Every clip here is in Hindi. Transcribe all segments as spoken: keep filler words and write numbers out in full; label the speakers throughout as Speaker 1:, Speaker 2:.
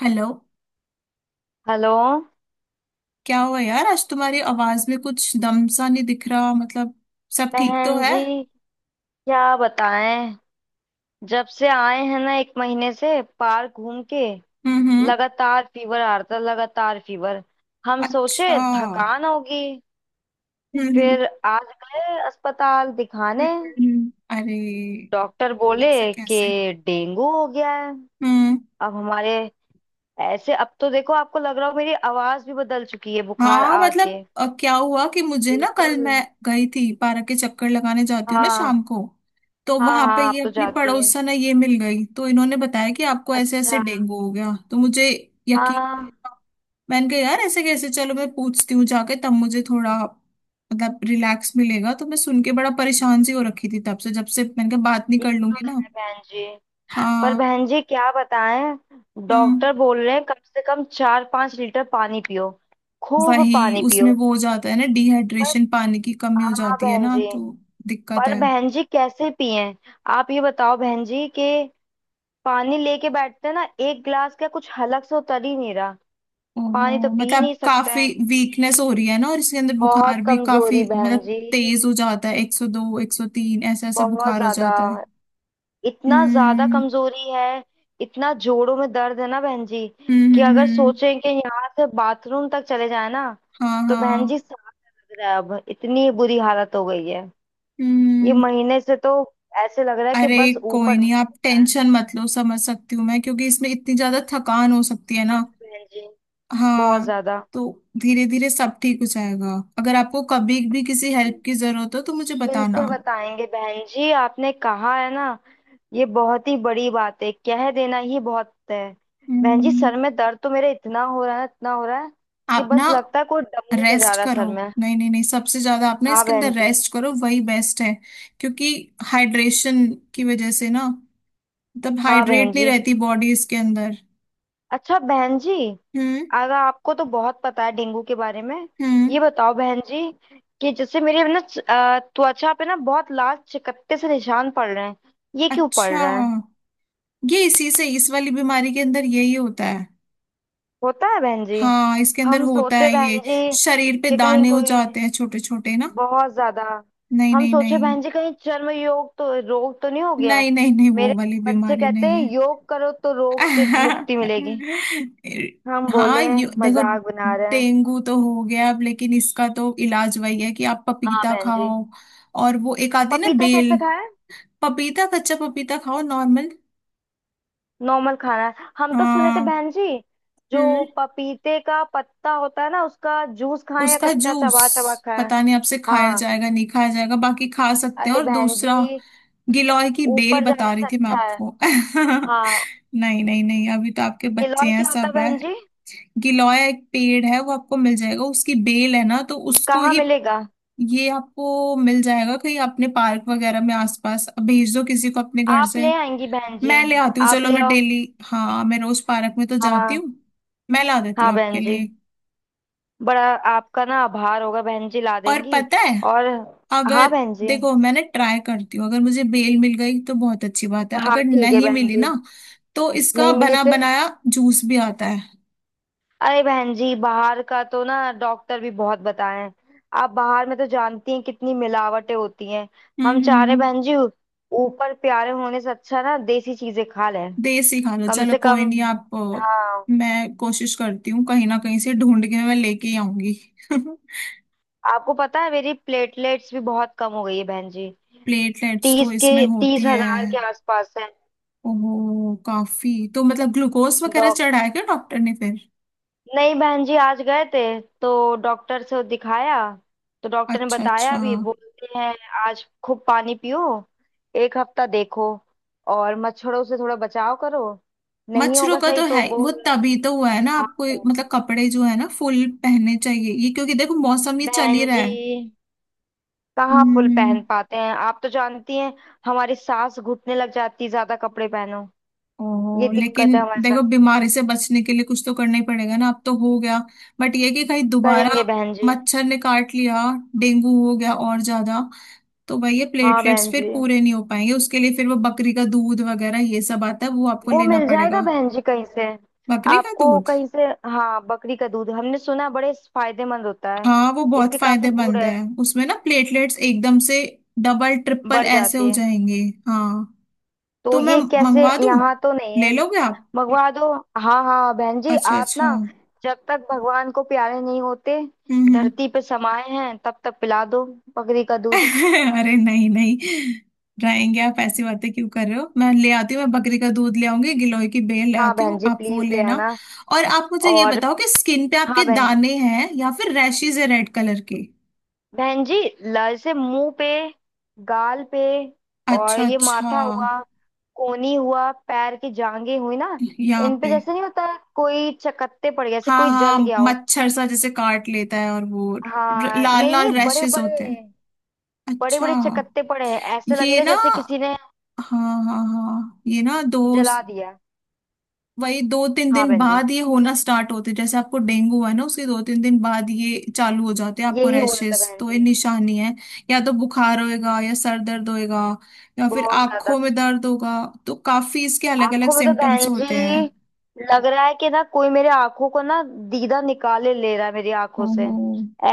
Speaker 1: हेलो।
Speaker 2: हेलो।
Speaker 1: क्या हुआ यार? आज तुम्हारी आवाज में कुछ दम सा नहीं दिख रहा, मतलब सब ठीक तो
Speaker 2: बहन
Speaker 1: है?
Speaker 2: जी, क्या बताएं। जब से आए हैं ना, एक महीने से पार्क घूम के
Speaker 1: हम्म। हम्म।
Speaker 2: लगातार फीवर आ रहा था, लगातार फीवर। हम सोचे
Speaker 1: अच्छा। हम्म।
Speaker 2: थकान होगी।
Speaker 1: हम्म।
Speaker 2: फिर आज गए अस्पताल
Speaker 1: हम्म,
Speaker 2: दिखाने।
Speaker 1: हम्म, अरे,
Speaker 2: डॉक्टर बोले
Speaker 1: ऐसा
Speaker 2: कि
Speaker 1: कैसे?
Speaker 2: डेंगू हो गया है।
Speaker 1: हम्म।
Speaker 2: अब हमारे, ऐसे अब तो देखो, आपको लग रहा हो मेरी आवाज भी बदल चुकी है बुखार
Speaker 1: हाँ
Speaker 2: आके।
Speaker 1: मतलब अ, क्या हुआ कि मुझे ना, कल
Speaker 2: बिल्कुल।
Speaker 1: मैं गई थी पार्क के चक्कर लगाने, जाती हूँ ना
Speaker 2: हाँ,
Speaker 1: शाम को, तो
Speaker 2: हाँ
Speaker 1: वहां पे
Speaker 2: हाँ,
Speaker 1: ये
Speaker 2: आप तो
Speaker 1: अपनी
Speaker 2: जाती है।
Speaker 1: पड़ोसन है, ये मिल गई तो इन्होंने बताया कि आपको ऐसे ऐसे
Speaker 2: अच्छा।
Speaker 1: डेंगू हो गया, तो मुझे यकीन।
Speaker 2: हाँ।
Speaker 1: मैंने कहा यार ऐसे कैसे, चलो मैं पूछती हूँ जाके, तब मुझे थोड़ा मतलब रिलैक्स मिलेगा, तो मैं सुन के बड़ा परेशान सी हो रखी थी तब से, जब से। मैंने कहा बात नहीं
Speaker 2: ये
Speaker 1: कर
Speaker 2: तो
Speaker 1: लूंगी ना।
Speaker 2: है बहन जी। पर
Speaker 1: हाँ।
Speaker 2: बहन जी, क्या बताएं।
Speaker 1: हम्म।
Speaker 2: डॉक्टर बोल रहे हैं कम से कम चार पांच लीटर पानी पियो, खूब
Speaker 1: वही
Speaker 2: पानी
Speaker 1: उसमें
Speaker 2: पियो।
Speaker 1: वो हो जाता है ना,
Speaker 2: पर,
Speaker 1: डिहाइड्रेशन, पानी की कमी हो
Speaker 2: हाँ
Speaker 1: जाती है
Speaker 2: बहन
Speaker 1: ना
Speaker 2: जी।
Speaker 1: तो दिक्कत
Speaker 2: पर
Speaker 1: है।
Speaker 2: बहन जी, कैसे पिएं। आप ये बताओ बहन जी कि पानी लेके बैठते हैं ना, एक गिलास का कुछ हलक से उतर ही नहीं रहा। पानी तो
Speaker 1: ओहो,
Speaker 2: पी ही
Speaker 1: मतलब
Speaker 2: नहीं सकते
Speaker 1: काफी
Speaker 2: हैं।
Speaker 1: वीकनेस हो रही है ना, और इसके अंदर बुखार
Speaker 2: बहुत
Speaker 1: भी काफी
Speaker 2: कमजोरी बहन
Speaker 1: मतलब
Speaker 2: जी,
Speaker 1: तेज हो जाता है, एक सौ दो एक सौ तीन ऐसा ऐसा
Speaker 2: बहुत
Speaker 1: बुखार हो
Speaker 2: ज्यादा।
Speaker 1: जाता है।
Speaker 2: इतना ज्यादा
Speaker 1: हम्म
Speaker 2: कमजोरी है। इतना जोड़ों में दर्द है ना बहन जी
Speaker 1: हम्म
Speaker 2: कि
Speaker 1: हम्म,
Speaker 2: अगर
Speaker 1: हम्म,
Speaker 2: सोचें कि यहाँ से बाथरूम तक चले जाए ना,
Speaker 1: हाँ
Speaker 2: तो बहन
Speaker 1: हाँ।
Speaker 2: जी सांस, लग रहा है अब। इतनी बुरी हालत हो गई है ये
Speaker 1: हम्म।
Speaker 2: महीने से तो। ऐसे लग रहा है कि
Speaker 1: अरे,
Speaker 2: बस
Speaker 1: कोई
Speaker 2: ऊपर ना
Speaker 1: नहीं, आप
Speaker 2: चले जाए।
Speaker 1: टेंशन मत लो, समझ सकती हूँ मैं, क्योंकि इसमें इतनी ज्यादा थकान हो सकती है
Speaker 2: हाँ
Speaker 1: ना।
Speaker 2: बहन जी, बहुत
Speaker 1: हाँ,
Speaker 2: ज्यादा।
Speaker 1: तो धीरे धीरे सब ठीक हो जाएगा। अगर आपको कभी भी किसी हेल्प की जरूरत हो तो मुझे बताना।
Speaker 2: बिल्कुल बताएंगे बहन जी, आपने कहा है ना। ये बहुत ही बड़ी बात है, कह देना ही बहुत है। बहन जी
Speaker 1: हम्म।
Speaker 2: सर में दर्द तो मेरे इतना हो रहा है, इतना हो रहा है कि
Speaker 1: आप ना
Speaker 2: बस लगता है कोई डमरू बजा
Speaker 1: रेस्ट
Speaker 2: रहा है
Speaker 1: करो।
Speaker 2: सर में।
Speaker 1: नहीं नहीं नहीं, सबसे ज्यादा आप ना
Speaker 2: हाँ
Speaker 1: इसके अंदर
Speaker 2: बहन जी।
Speaker 1: रेस्ट करो, वही बेस्ट है। क्योंकि हाइड्रेशन की वजह से ना, मतलब
Speaker 2: हाँ बहन
Speaker 1: हाइड्रेट नहीं
Speaker 2: जी।
Speaker 1: रहती बॉडी इसके अंदर।
Speaker 2: अच्छा बहन जी,
Speaker 1: हम्म।
Speaker 2: अगर आपको तो बहुत पता है डेंगू के बारे में।
Speaker 1: हम्म।
Speaker 2: ये बताओ बहन जी कि जैसे मेरे ना च- अ, त्वचा पे ना बहुत लाल चकत्ते से निशान पड़ रहे हैं। ये क्यों पड़
Speaker 1: अच्छा,
Speaker 2: रहे हैं।
Speaker 1: ये इसी से, इस वाली बीमारी के अंदर यही होता है।
Speaker 2: होता है बहन जी।
Speaker 1: हाँ, इसके अंदर
Speaker 2: हम
Speaker 1: होता
Speaker 2: सोचे
Speaker 1: है
Speaker 2: बहन
Speaker 1: ये,
Speaker 2: जी
Speaker 1: शरीर पे
Speaker 2: कि कहीं
Speaker 1: दाने हो
Speaker 2: कोई
Speaker 1: जाते हैं छोटे छोटे ना।
Speaker 2: बहुत ज्यादा।
Speaker 1: नहीं
Speaker 2: हम
Speaker 1: नहीं
Speaker 2: सोचे
Speaker 1: नहीं,
Speaker 2: बहन जी कहीं चर्म योग तो, रोग तो नहीं हो गया है।
Speaker 1: नहीं नहीं नहीं, वो
Speaker 2: मेरे
Speaker 1: वाली
Speaker 2: बच्चे
Speaker 1: बीमारी
Speaker 2: कहते
Speaker 1: नहीं।
Speaker 2: हैं योग करो तो रोग से मुक्ति मिलेगी। हम
Speaker 1: हाँ,
Speaker 2: बोले
Speaker 1: यू देखो,
Speaker 2: मजाक बना रहे हैं।
Speaker 1: डेंगू तो हो गया अब, लेकिन इसका तो इलाज वही है कि आप
Speaker 2: हाँ
Speaker 1: पपीता
Speaker 2: बहन जी।
Speaker 1: खाओ, और वो एक आती है ना
Speaker 2: पपीता कैसे
Speaker 1: बेल।
Speaker 2: खाए।
Speaker 1: पपीता, कच्चा पपीता खाओ नॉर्मल।
Speaker 2: नॉर्मल खाना है। हम तो सुने थे
Speaker 1: हाँ।
Speaker 2: बहन जी, जो
Speaker 1: हम्म।
Speaker 2: पपीते का पत्ता होता है ना उसका जूस खाएं, या
Speaker 1: उसका
Speaker 2: कच्चा
Speaker 1: जूस,
Speaker 2: चबा चबा खाएं।
Speaker 1: पता नहीं आपसे खाया
Speaker 2: हाँ।
Speaker 1: जाएगा नहीं खाया जाएगा, बाकी खा सकते हैं।
Speaker 2: अरे
Speaker 1: और
Speaker 2: बहन
Speaker 1: दूसरा
Speaker 2: जी,
Speaker 1: गिलोय की बेल
Speaker 2: ऊपर
Speaker 1: बता
Speaker 2: जाने
Speaker 1: रही
Speaker 2: से
Speaker 1: थी मैं
Speaker 2: अच्छा है।
Speaker 1: आपको।
Speaker 2: हाँ।
Speaker 1: नहीं नहीं नहीं, अभी तो आपके बच्चे
Speaker 2: गिलोय
Speaker 1: हैं,
Speaker 2: क्या होता है
Speaker 1: सब है।
Speaker 2: बहन जी।
Speaker 1: गिलोय एक पेड़ है, वो आपको मिल जाएगा, उसकी बेल है ना तो उसको
Speaker 2: कहाँ
Speaker 1: ही।
Speaker 2: मिलेगा।
Speaker 1: ये आपको मिल जाएगा कहीं, अपने पार्क वगैरह में आसपास, अब भेज दो किसी को अपने घर
Speaker 2: आप
Speaker 1: से।
Speaker 2: ले आएंगी बहन जी।
Speaker 1: मैं ले आती हूँ,
Speaker 2: आप
Speaker 1: चलो
Speaker 2: ले
Speaker 1: मैं
Speaker 2: आओ।
Speaker 1: डेली। हाँ, मैं रोज पार्क में तो जाती
Speaker 2: हाँ
Speaker 1: हूँ, मैं ला देती
Speaker 2: हाँ
Speaker 1: हूँ आपके
Speaker 2: बहन जी।
Speaker 1: लिए।
Speaker 2: बड़ा आपका ना आभार होगा बहन जी, ला
Speaker 1: और
Speaker 2: देंगी।
Speaker 1: पता है,
Speaker 2: और, हाँ
Speaker 1: अगर
Speaker 2: बहन जी।
Speaker 1: देखो, मैंने, ट्राई करती हूँ, अगर मुझे बेल मिल गई तो बहुत अच्छी बात है,
Speaker 2: हाँ
Speaker 1: अगर
Speaker 2: ठीक है
Speaker 1: नहीं
Speaker 2: बहन
Speaker 1: मिली
Speaker 2: जी।
Speaker 1: ना, तो इसका
Speaker 2: नहीं मिली
Speaker 1: बना
Speaker 2: फिर।
Speaker 1: बनाया जूस भी आता है।
Speaker 2: अरे बहन जी, बाहर का तो ना डॉक्टर भी बहुत बताए हैं। आप बाहर में तो जानती हैं कितनी मिलावटें होती हैं।
Speaker 1: हम्म
Speaker 2: हम
Speaker 1: हम्म
Speaker 2: चाह रहे
Speaker 1: हम्म।
Speaker 2: बहन जी, ऊपर प्यारे होने से अच्छा ना देसी चीजें खा लें
Speaker 1: देसी खाना,
Speaker 2: कम
Speaker 1: चलो
Speaker 2: से
Speaker 1: कोई
Speaker 2: कम।
Speaker 1: नहीं, आप, अ,
Speaker 2: हाँ।
Speaker 1: मैं कोशिश करती हूँ कहीं ना कहीं से ढूंढ के मैं लेके आऊंगी।
Speaker 2: आपको पता है मेरी प्लेटलेट्स भी बहुत कम हो गई है बहन जी।
Speaker 1: प्लेटलेट्स तो
Speaker 2: तीस के,
Speaker 1: इसमें
Speaker 2: तीस
Speaker 1: होती है।
Speaker 2: हजार के आसपास है।
Speaker 1: ओहो, काफी तो मतलब, ग्लूकोज वगैरह
Speaker 2: डॉक
Speaker 1: चढ़ाया क्या डॉक्टर ने फिर?
Speaker 2: नहीं बहन जी, आज गए थे। तो डॉक्टर से दिखाया। तो डॉक्टर ने
Speaker 1: अच्छा
Speaker 2: बताया
Speaker 1: अच्छा।
Speaker 2: भी, बोलते हैं आज खूब पानी पियो, एक हफ्ता देखो, और मच्छरों से थोड़ा बचाव करो, नहीं
Speaker 1: मच्छरों
Speaker 2: होगा
Speaker 1: का
Speaker 2: सही
Speaker 1: तो
Speaker 2: तो
Speaker 1: है ही, वो
Speaker 2: बोल।
Speaker 1: तभी तो हुआ है ना
Speaker 2: हाँ
Speaker 1: आपको,
Speaker 2: बहन
Speaker 1: मतलब
Speaker 2: जी।
Speaker 1: कपड़े जो है ना फुल पहनने चाहिए ये, क्योंकि देखो मौसम ये चल
Speaker 2: बहन
Speaker 1: ही रहा
Speaker 2: जी
Speaker 1: है।
Speaker 2: कहाँ फुल
Speaker 1: हम्म।
Speaker 2: पहन पाते हैं, आप तो जानती हैं। हमारी सांस घुटने लग जाती है ज्यादा कपड़े पहनो। ये
Speaker 1: ओ,
Speaker 2: दिक्कत
Speaker 1: लेकिन
Speaker 2: है हमारे साथ।
Speaker 1: देखो, बीमारी से बचने के लिए कुछ तो करना ही पड़ेगा ना, अब तो हो गया, बट ये कि कहीं दोबारा
Speaker 2: करेंगे बहन जी।
Speaker 1: मच्छर ने काट लिया, डेंगू हो गया और ज्यादा, तो भाई ये
Speaker 2: हाँ
Speaker 1: प्लेटलेट्स
Speaker 2: बहन
Speaker 1: फिर
Speaker 2: जी,
Speaker 1: पूरे नहीं हो पाएंगे, उसके लिए फिर वो बकरी का दूध वगैरह ये सब आता है, वो आपको
Speaker 2: वो
Speaker 1: लेना
Speaker 2: मिल जाएगा
Speaker 1: पड़ेगा।
Speaker 2: बहन जी कहीं से।
Speaker 1: बकरी का
Speaker 2: आपको
Speaker 1: दूध,
Speaker 2: कहीं से। हाँ बकरी का दूध हमने सुना है बड़े फायदेमंद होता है।
Speaker 1: हाँ वो बहुत
Speaker 2: इसके काफी गुण
Speaker 1: फायदेमंद
Speaker 2: है।
Speaker 1: है, उसमें ना प्लेटलेट्स एकदम से डबल ट्रिपल
Speaker 2: बढ़
Speaker 1: ऐसे
Speaker 2: जाती
Speaker 1: हो
Speaker 2: है।
Speaker 1: जाएंगे। हाँ,
Speaker 2: तो
Speaker 1: तो मैं
Speaker 2: ये कैसे,
Speaker 1: मंगवा दूं,
Speaker 2: यहाँ तो नहीं
Speaker 1: ले
Speaker 2: है।
Speaker 1: लोगे आप?
Speaker 2: मंगवा दो। हाँ हाँ बहन जी।
Speaker 1: अच्छा
Speaker 2: आप
Speaker 1: अच्छा।
Speaker 2: ना,
Speaker 1: हम्म।
Speaker 2: जब तक भगवान को प्यारे नहीं होते,
Speaker 1: हम्म।
Speaker 2: धरती पे समाये हैं तब तक पिला दो बकरी का दूध।
Speaker 1: अरे नहीं नहीं, रहेंगे आप, ऐसी बातें क्यों कर रहे हो? मैं ले आती हूँ, मैं बकरी का दूध ले आऊंगी, गिलोय की बेल ले
Speaker 2: हाँ
Speaker 1: आती
Speaker 2: बहन
Speaker 1: हूँ,
Speaker 2: जी,
Speaker 1: आप वो
Speaker 2: प्लीज ले
Speaker 1: लेना।
Speaker 2: आना।
Speaker 1: और आप मुझे ये
Speaker 2: और,
Speaker 1: बताओ कि स्किन पे
Speaker 2: हाँ
Speaker 1: आपके
Speaker 2: बहन जी।
Speaker 1: दाने हैं या फिर रैशेज है रेड कलर के?
Speaker 2: बहन जी, ल से मुंह पे, गाल पे, और
Speaker 1: अच्छा
Speaker 2: ये
Speaker 1: अच्छा,
Speaker 2: माथा हुआ, कोहनी हुआ, पैर की जांघें हुई ना।
Speaker 1: यहाँ
Speaker 2: इन पे
Speaker 1: पे।
Speaker 2: जैसे नहीं होता, कोई चकत्ते पड़ गए जैसे
Speaker 1: हाँ
Speaker 2: कोई
Speaker 1: हाँ,
Speaker 2: जल गया हो।
Speaker 1: मच्छर सा जैसे काट लेता है, और वो र-
Speaker 2: हाँ
Speaker 1: लाल
Speaker 2: नहीं नहीं,
Speaker 1: लाल
Speaker 2: बड़े
Speaker 1: रैशेज होते हैं।
Speaker 2: बड़े, बड़े
Speaker 1: अच्छा,
Speaker 2: बड़े चकत्ते पड़े हैं। ऐसे
Speaker 1: ये
Speaker 2: लगेगा
Speaker 1: ना,
Speaker 2: जैसे किसी ने
Speaker 1: हाँ हाँ हाँ, ये ना दो,
Speaker 2: जला दिया।
Speaker 1: वही दो तीन
Speaker 2: हाँ
Speaker 1: दिन
Speaker 2: बहन जी,
Speaker 1: बाद ये होना स्टार्ट होते, जैसे आपको डेंगू है ना, उसके दो तीन दिन बाद ये चालू हो जाते हैं आपको
Speaker 2: यही हुआ था
Speaker 1: रैशेस,
Speaker 2: बहन
Speaker 1: तो ये
Speaker 2: जी।
Speaker 1: निशानी है। या तो बुखार होएगा, या सर दर्द होएगा, या फिर
Speaker 2: बहुत ज्यादा।
Speaker 1: आंखों में दर्द होगा। तो काफी इसके अलग अलग
Speaker 2: आंखों में तो
Speaker 1: सिम्टम्स
Speaker 2: बहन
Speaker 1: होते
Speaker 2: जी,
Speaker 1: हैं।
Speaker 2: लग रहा है कि ना कोई मेरे आंखों को ना दीदा निकाले ले रहा है मेरी आंखों से।
Speaker 1: ओहो।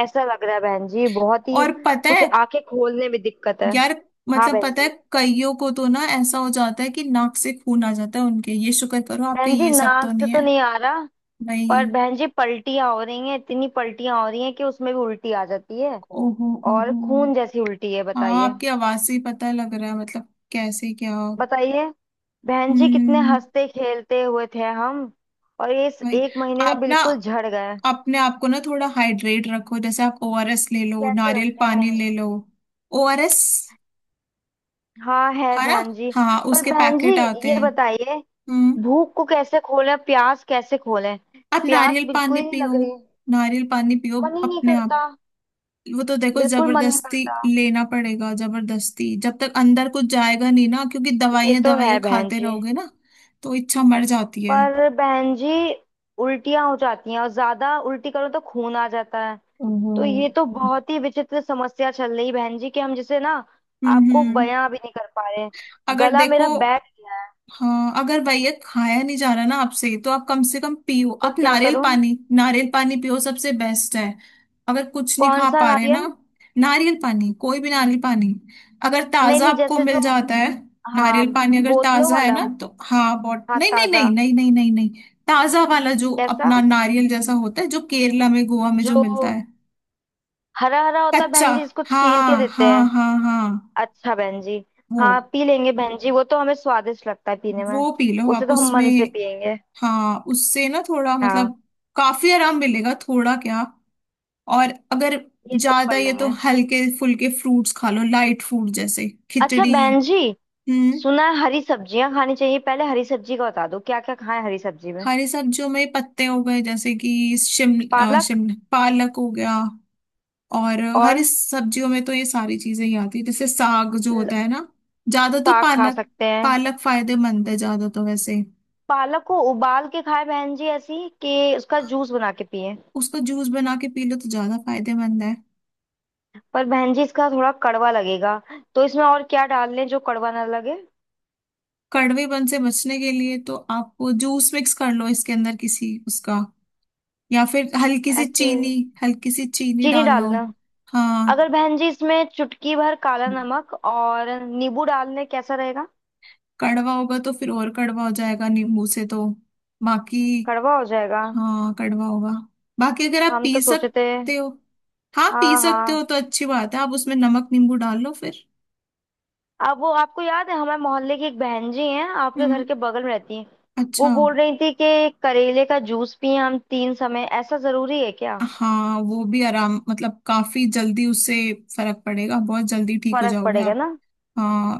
Speaker 2: ऐसा लग रहा है बहन जी, बहुत ही।
Speaker 1: और पता
Speaker 2: कुछ
Speaker 1: है
Speaker 2: आंखें खोलने में दिक्कत है।
Speaker 1: यार,
Speaker 2: हाँ
Speaker 1: मतलब
Speaker 2: बहन
Speaker 1: पता है
Speaker 2: जी।
Speaker 1: कईयों को तो ना ऐसा हो जाता है कि नाक से खून आ जाता है उनके, ये शुक्र करो आपके
Speaker 2: बहन जी
Speaker 1: ये सब
Speaker 2: नाक
Speaker 1: तो
Speaker 2: से
Speaker 1: नहीं
Speaker 2: तो
Speaker 1: है।
Speaker 2: नहीं आ रहा, पर
Speaker 1: भाई।
Speaker 2: बहन जी पलटियां हो रही हैं, इतनी पलटियां हो रही हैं कि उसमें भी उल्टी आ जाती है।
Speaker 1: ओहो
Speaker 2: और
Speaker 1: ओहो।
Speaker 2: खून जैसी उल्टी है,
Speaker 1: हाँ,
Speaker 2: बताइए।
Speaker 1: आपकी आवाज से ही पता लग रहा है, मतलब कैसे क्या।
Speaker 2: बताइए बहन जी, कितने
Speaker 1: हम्म।
Speaker 2: हंसते खेलते हुए थे हम। और ये इस
Speaker 1: भाई,
Speaker 2: एक महीने ना
Speaker 1: आप ना
Speaker 2: बिल्कुल झड़ गए।
Speaker 1: अपने आप को ना थोड़ा हाइड्रेट रखो, जैसे आप ओ आर एस ले लो,
Speaker 2: कैसे
Speaker 1: नारियल
Speaker 2: रखें
Speaker 1: पानी
Speaker 2: बहन।
Speaker 1: ले लो। ओ आर एस,
Speaker 2: हाँ है
Speaker 1: है ना,
Speaker 2: बहन जी।
Speaker 1: हाँ
Speaker 2: पर
Speaker 1: उसके
Speaker 2: बहन जी
Speaker 1: पैकेट आते
Speaker 2: ये
Speaker 1: हैं।
Speaker 2: बताइए,
Speaker 1: हम्म।
Speaker 2: भूख को कैसे खोलें, प्यास कैसे खोलें।
Speaker 1: आप नारियल
Speaker 2: प्यास बिल्कुल
Speaker 1: पानी
Speaker 2: ही नहीं
Speaker 1: पियो,
Speaker 2: लग रही।
Speaker 1: नारियल पानी पियो
Speaker 2: मन ही नहीं
Speaker 1: अपने आप,
Speaker 2: करता।
Speaker 1: वो तो देखो
Speaker 2: बिल्कुल मन नहीं
Speaker 1: जबरदस्ती
Speaker 2: करता।
Speaker 1: लेना पड़ेगा, जबरदस्ती, जब तक अंदर कुछ जाएगा नहीं ना, क्योंकि
Speaker 2: ये
Speaker 1: दवाइयां
Speaker 2: तो है
Speaker 1: दवाइयां
Speaker 2: बहन
Speaker 1: खाते
Speaker 2: जी।
Speaker 1: रहोगे ना, तो इच्छा मर जाती है।
Speaker 2: पर बहन जी, उल्टियां हो जाती हैं, और ज्यादा उल्टी करो तो खून आ जाता है। तो
Speaker 1: हम्म।
Speaker 2: ये तो बहुत ही विचित्र समस्या चल रही बहन जी कि हम जिसे ना आपको
Speaker 1: हम्म।
Speaker 2: बयां भी नहीं कर पा रहे।
Speaker 1: अगर
Speaker 2: गला
Speaker 1: देखो,
Speaker 2: मेरा बैठ गया है।
Speaker 1: हाँ, अगर भैया खाया नहीं जा रहा ना आपसे, तो आप कम से कम पियो,
Speaker 2: तो
Speaker 1: आप
Speaker 2: क्या
Speaker 1: नारियल
Speaker 2: करूं।
Speaker 1: पानी, नारियल पानी पियो, सबसे बेस्ट है, अगर कुछ नहीं
Speaker 2: कौन
Speaker 1: खा
Speaker 2: सा
Speaker 1: पा रहे ना।
Speaker 2: नारियल।
Speaker 1: नारियल पानी, कोई भी नारियल पानी, अगर
Speaker 2: नहीं
Speaker 1: ताजा
Speaker 2: नहीं,
Speaker 1: आपको
Speaker 2: जैसे जो,
Speaker 1: मिल जाता है,
Speaker 2: हाँ
Speaker 1: नारियल पानी अगर
Speaker 2: बोतलों
Speaker 1: ताजा है
Speaker 2: वाला।
Speaker 1: ना तो हाँ बहुत,
Speaker 2: हाँ
Speaker 1: नहीं नहीं
Speaker 2: ताजा।
Speaker 1: नहीं नहीं नहीं नहीं नहीं, ताजा वाला जो
Speaker 2: कैसा,
Speaker 1: अपना नारियल जैसा होता है, जो केरला में, गोवा में
Speaker 2: जो
Speaker 1: जो मिलता है,
Speaker 2: हरा हरा होता है
Speaker 1: कच्चा,
Speaker 2: बहन जी, इसको छील के
Speaker 1: हाँ
Speaker 2: देते
Speaker 1: हाँ
Speaker 2: हैं।
Speaker 1: हाँ हाँ
Speaker 2: अच्छा बहन जी।
Speaker 1: वो
Speaker 2: हाँ पी लेंगे बहन जी, वो तो हमें स्वादिष्ट लगता है पीने में।
Speaker 1: वो पी लो
Speaker 2: उसे
Speaker 1: आप
Speaker 2: तो हम
Speaker 1: उसमें।
Speaker 2: मन से पियेंगे।
Speaker 1: हाँ, उससे ना थोड़ा
Speaker 2: हाँ।
Speaker 1: मतलब काफी आराम मिलेगा, थोड़ा क्या। और अगर
Speaker 2: ये तो
Speaker 1: ज्यादा
Speaker 2: कर
Speaker 1: ये, तो
Speaker 2: लेंगे।
Speaker 1: हल्के फुल्के फ्रूट्स खा लो, लाइट फूड जैसे
Speaker 2: अच्छा
Speaker 1: खिचड़ी।
Speaker 2: बहन जी,
Speaker 1: हम्म।
Speaker 2: सुना है हरी सब्जियां खानी चाहिए। पहले हरी सब्जी का बता दो, क्या क्या खाएं हरी सब्जी में।
Speaker 1: हरी सब्जियों में पत्ते हो गए, जैसे कि शिमला
Speaker 2: पालक।
Speaker 1: शिमला पालक हो गया, और हरी
Speaker 2: और
Speaker 1: सब्जियों में तो ये सारी चीजें ही आती है, जैसे साग जो होता
Speaker 2: ल-
Speaker 1: है ना। ज्यादा तो
Speaker 2: साग खा
Speaker 1: पालक,
Speaker 2: सकते हैं।
Speaker 1: पालक फायदेमंद है ज्यादा तो वैसे।
Speaker 2: पालक को उबाल के खाएं बहन जी, ऐसी कि उसका जूस बना के पिए।
Speaker 1: उसका जूस बना के पी लो तो ज्यादा फायदेमंद है।
Speaker 2: पर बहन जी इसका थोड़ा कड़वा लगेगा। तो इसमें और क्या डाल लें जो कड़वा ना लगे।
Speaker 1: कड़वेपन से बचने के लिए तो आप वो जूस मिक्स कर लो इसके अंदर किसी उसका, या फिर हल्की सी
Speaker 2: ऐसे
Speaker 1: चीनी, हल्की सी चीनी
Speaker 2: चीनी
Speaker 1: डाल लो।
Speaker 2: डालना।
Speaker 1: हाँ।
Speaker 2: अगर बहन जी इसमें चुटकी भर काला नमक और नींबू डाल लें, कैसा रहेगा।
Speaker 1: कड़वा होगा तो फिर और कड़वा हो जाएगा नींबू से तो। बाकी,
Speaker 2: कड़वा हो जाएगा।
Speaker 1: हाँ कड़वा होगा। बाकी अगर आप
Speaker 2: हम
Speaker 1: पी
Speaker 2: तो सोचे थे।
Speaker 1: सकते हो, हाँ पी
Speaker 2: हाँ
Speaker 1: सकते
Speaker 2: हाँ।
Speaker 1: हो तो अच्छी बात है, आप उसमें नमक नींबू डाल लो फिर।
Speaker 2: अब वो आपको याद है हमारे मोहल्ले की एक बहन जी हैं, आपके
Speaker 1: हम्म।
Speaker 2: घर के बगल में रहती हैं, वो
Speaker 1: अच्छा।
Speaker 2: बोल रही थी कि करेले का जूस पिए हम तीन समय। ऐसा जरूरी है क्या।
Speaker 1: हाँ वो भी आराम, मतलब काफी जल्दी उससे फर्क पड़ेगा, बहुत जल्दी ठीक हो
Speaker 2: फर्क
Speaker 1: जाओगे
Speaker 2: पड़ेगा
Speaker 1: आप।
Speaker 2: ना।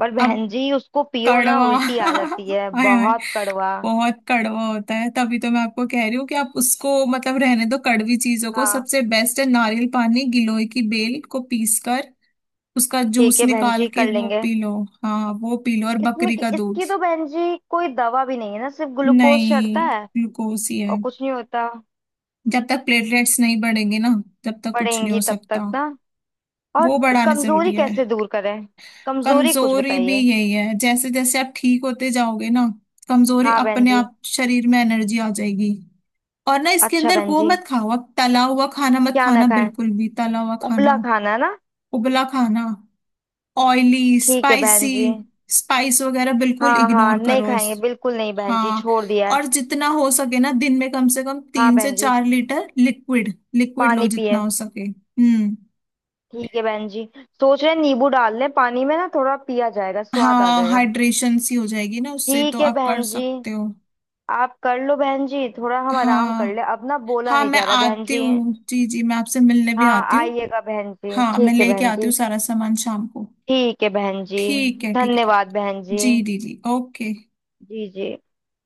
Speaker 2: पर
Speaker 1: अब
Speaker 2: बहन जी उसको पियो ना
Speaker 1: कड़वा।
Speaker 2: उल्टी आ जाती है,
Speaker 1: हाय हाय,
Speaker 2: बहुत कड़वा।
Speaker 1: बहुत कड़वा होता है, तभी तो मैं आपको कह रही हूँ कि आप उसको मतलब रहने दो कड़वी चीजों को,
Speaker 2: हाँ
Speaker 1: सबसे बेस्ट है नारियल पानी, गिलोय की बेल को पीस कर उसका
Speaker 2: ठीक
Speaker 1: जूस
Speaker 2: है बहन
Speaker 1: निकाल
Speaker 2: जी,
Speaker 1: के
Speaker 2: कर
Speaker 1: वो
Speaker 2: लेंगे।
Speaker 1: P low. हाँ, वो पी लो और
Speaker 2: इसमें
Speaker 1: बकरी
Speaker 2: कि-
Speaker 1: का दूध।
Speaker 2: इसकी तो बहन जी कोई दवा भी नहीं है ना, सिर्फ ग्लूकोज चढ़ता
Speaker 1: नहीं,
Speaker 2: है
Speaker 1: ग्लूकोज ही
Speaker 2: और
Speaker 1: है।
Speaker 2: कुछ नहीं होता।
Speaker 1: जब तक प्लेटलेट्स नहीं बढ़ेंगे ना, तब तक कुछ नहीं
Speaker 2: बढ़ेंगी
Speaker 1: हो
Speaker 2: तब
Speaker 1: सकता,
Speaker 2: तक ना। और
Speaker 1: वो बढ़ाना
Speaker 2: कमजोरी
Speaker 1: जरूरी है।
Speaker 2: कैसे दूर करें, कमजोरी कुछ
Speaker 1: कमजोरी भी
Speaker 2: बताइए।
Speaker 1: यही है, जैसे जैसे आप ठीक होते जाओगे ना, कमजोरी
Speaker 2: हाँ बहन
Speaker 1: अपने
Speaker 2: जी।
Speaker 1: आप, शरीर में एनर्जी आ जाएगी। और ना, इसके
Speaker 2: अच्छा
Speaker 1: अंदर
Speaker 2: बहन
Speaker 1: वो
Speaker 2: जी,
Speaker 1: मत खाओ, अब तला हुआ खाना मत
Speaker 2: क्या ना
Speaker 1: खाना,
Speaker 2: खाएं।
Speaker 1: बिल्कुल भी तला हुआ खाना,
Speaker 2: उबला खाना है ना।
Speaker 1: उबला खाना, ऑयली
Speaker 2: ठीक है बहन
Speaker 1: स्पाइसी
Speaker 2: जी।
Speaker 1: स्पाइस वगैरह बिल्कुल
Speaker 2: हाँ हाँ
Speaker 1: इग्नोर
Speaker 2: नहीं
Speaker 1: करो इस।
Speaker 2: खाएंगे बिल्कुल नहीं बहन जी,
Speaker 1: हाँ।
Speaker 2: छोड़ दिया है।
Speaker 1: और जितना हो सके ना, दिन में कम से कम
Speaker 2: हाँ
Speaker 1: तीन से
Speaker 2: बहन जी,
Speaker 1: चार लीटर लिक्विड, लिक्विड लो
Speaker 2: पानी
Speaker 1: जितना
Speaker 2: पिए।
Speaker 1: हो सके। हम्म।
Speaker 2: ठीक है बहन जी। सोच रहे हैं नींबू डाल लें पानी में ना, थोड़ा पिया जाएगा, स्वाद आ
Speaker 1: हाँ,
Speaker 2: जाएगा।
Speaker 1: हाइड्रेशन सी हो जाएगी ना उससे,
Speaker 2: ठीक
Speaker 1: तो
Speaker 2: है
Speaker 1: आप कर
Speaker 2: बहन जी।
Speaker 1: सकते हो।
Speaker 2: आप कर लो बहन जी, थोड़ा हम आराम कर ले,
Speaker 1: हाँ
Speaker 2: अब ना बोला
Speaker 1: हाँ,
Speaker 2: नहीं
Speaker 1: मैं
Speaker 2: जा रहा बहन
Speaker 1: आती
Speaker 2: जी।
Speaker 1: हूँ, जी जी, मैं आपसे मिलने भी
Speaker 2: हाँ
Speaker 1: आती हूँ।
Speaker 2: आइएगा बहन जी,
Speaker 1: हाँ, मैं
Speaker 2: ठीक है
Speaker 1: लेके
Speaker 2: बहन
Speaker 1: आती
Speaker 2: जी।
Speaker 1: हूँ सारा सामान शाम को।
Speaker 2: ठीक है बहन जी।
Speaker 1: ठीक है, ठीक है।
Speaker 2: धन्यवाद बहन जी।
Speaker 1: जी जी जी, ओके।
Speaker 2: जी जी।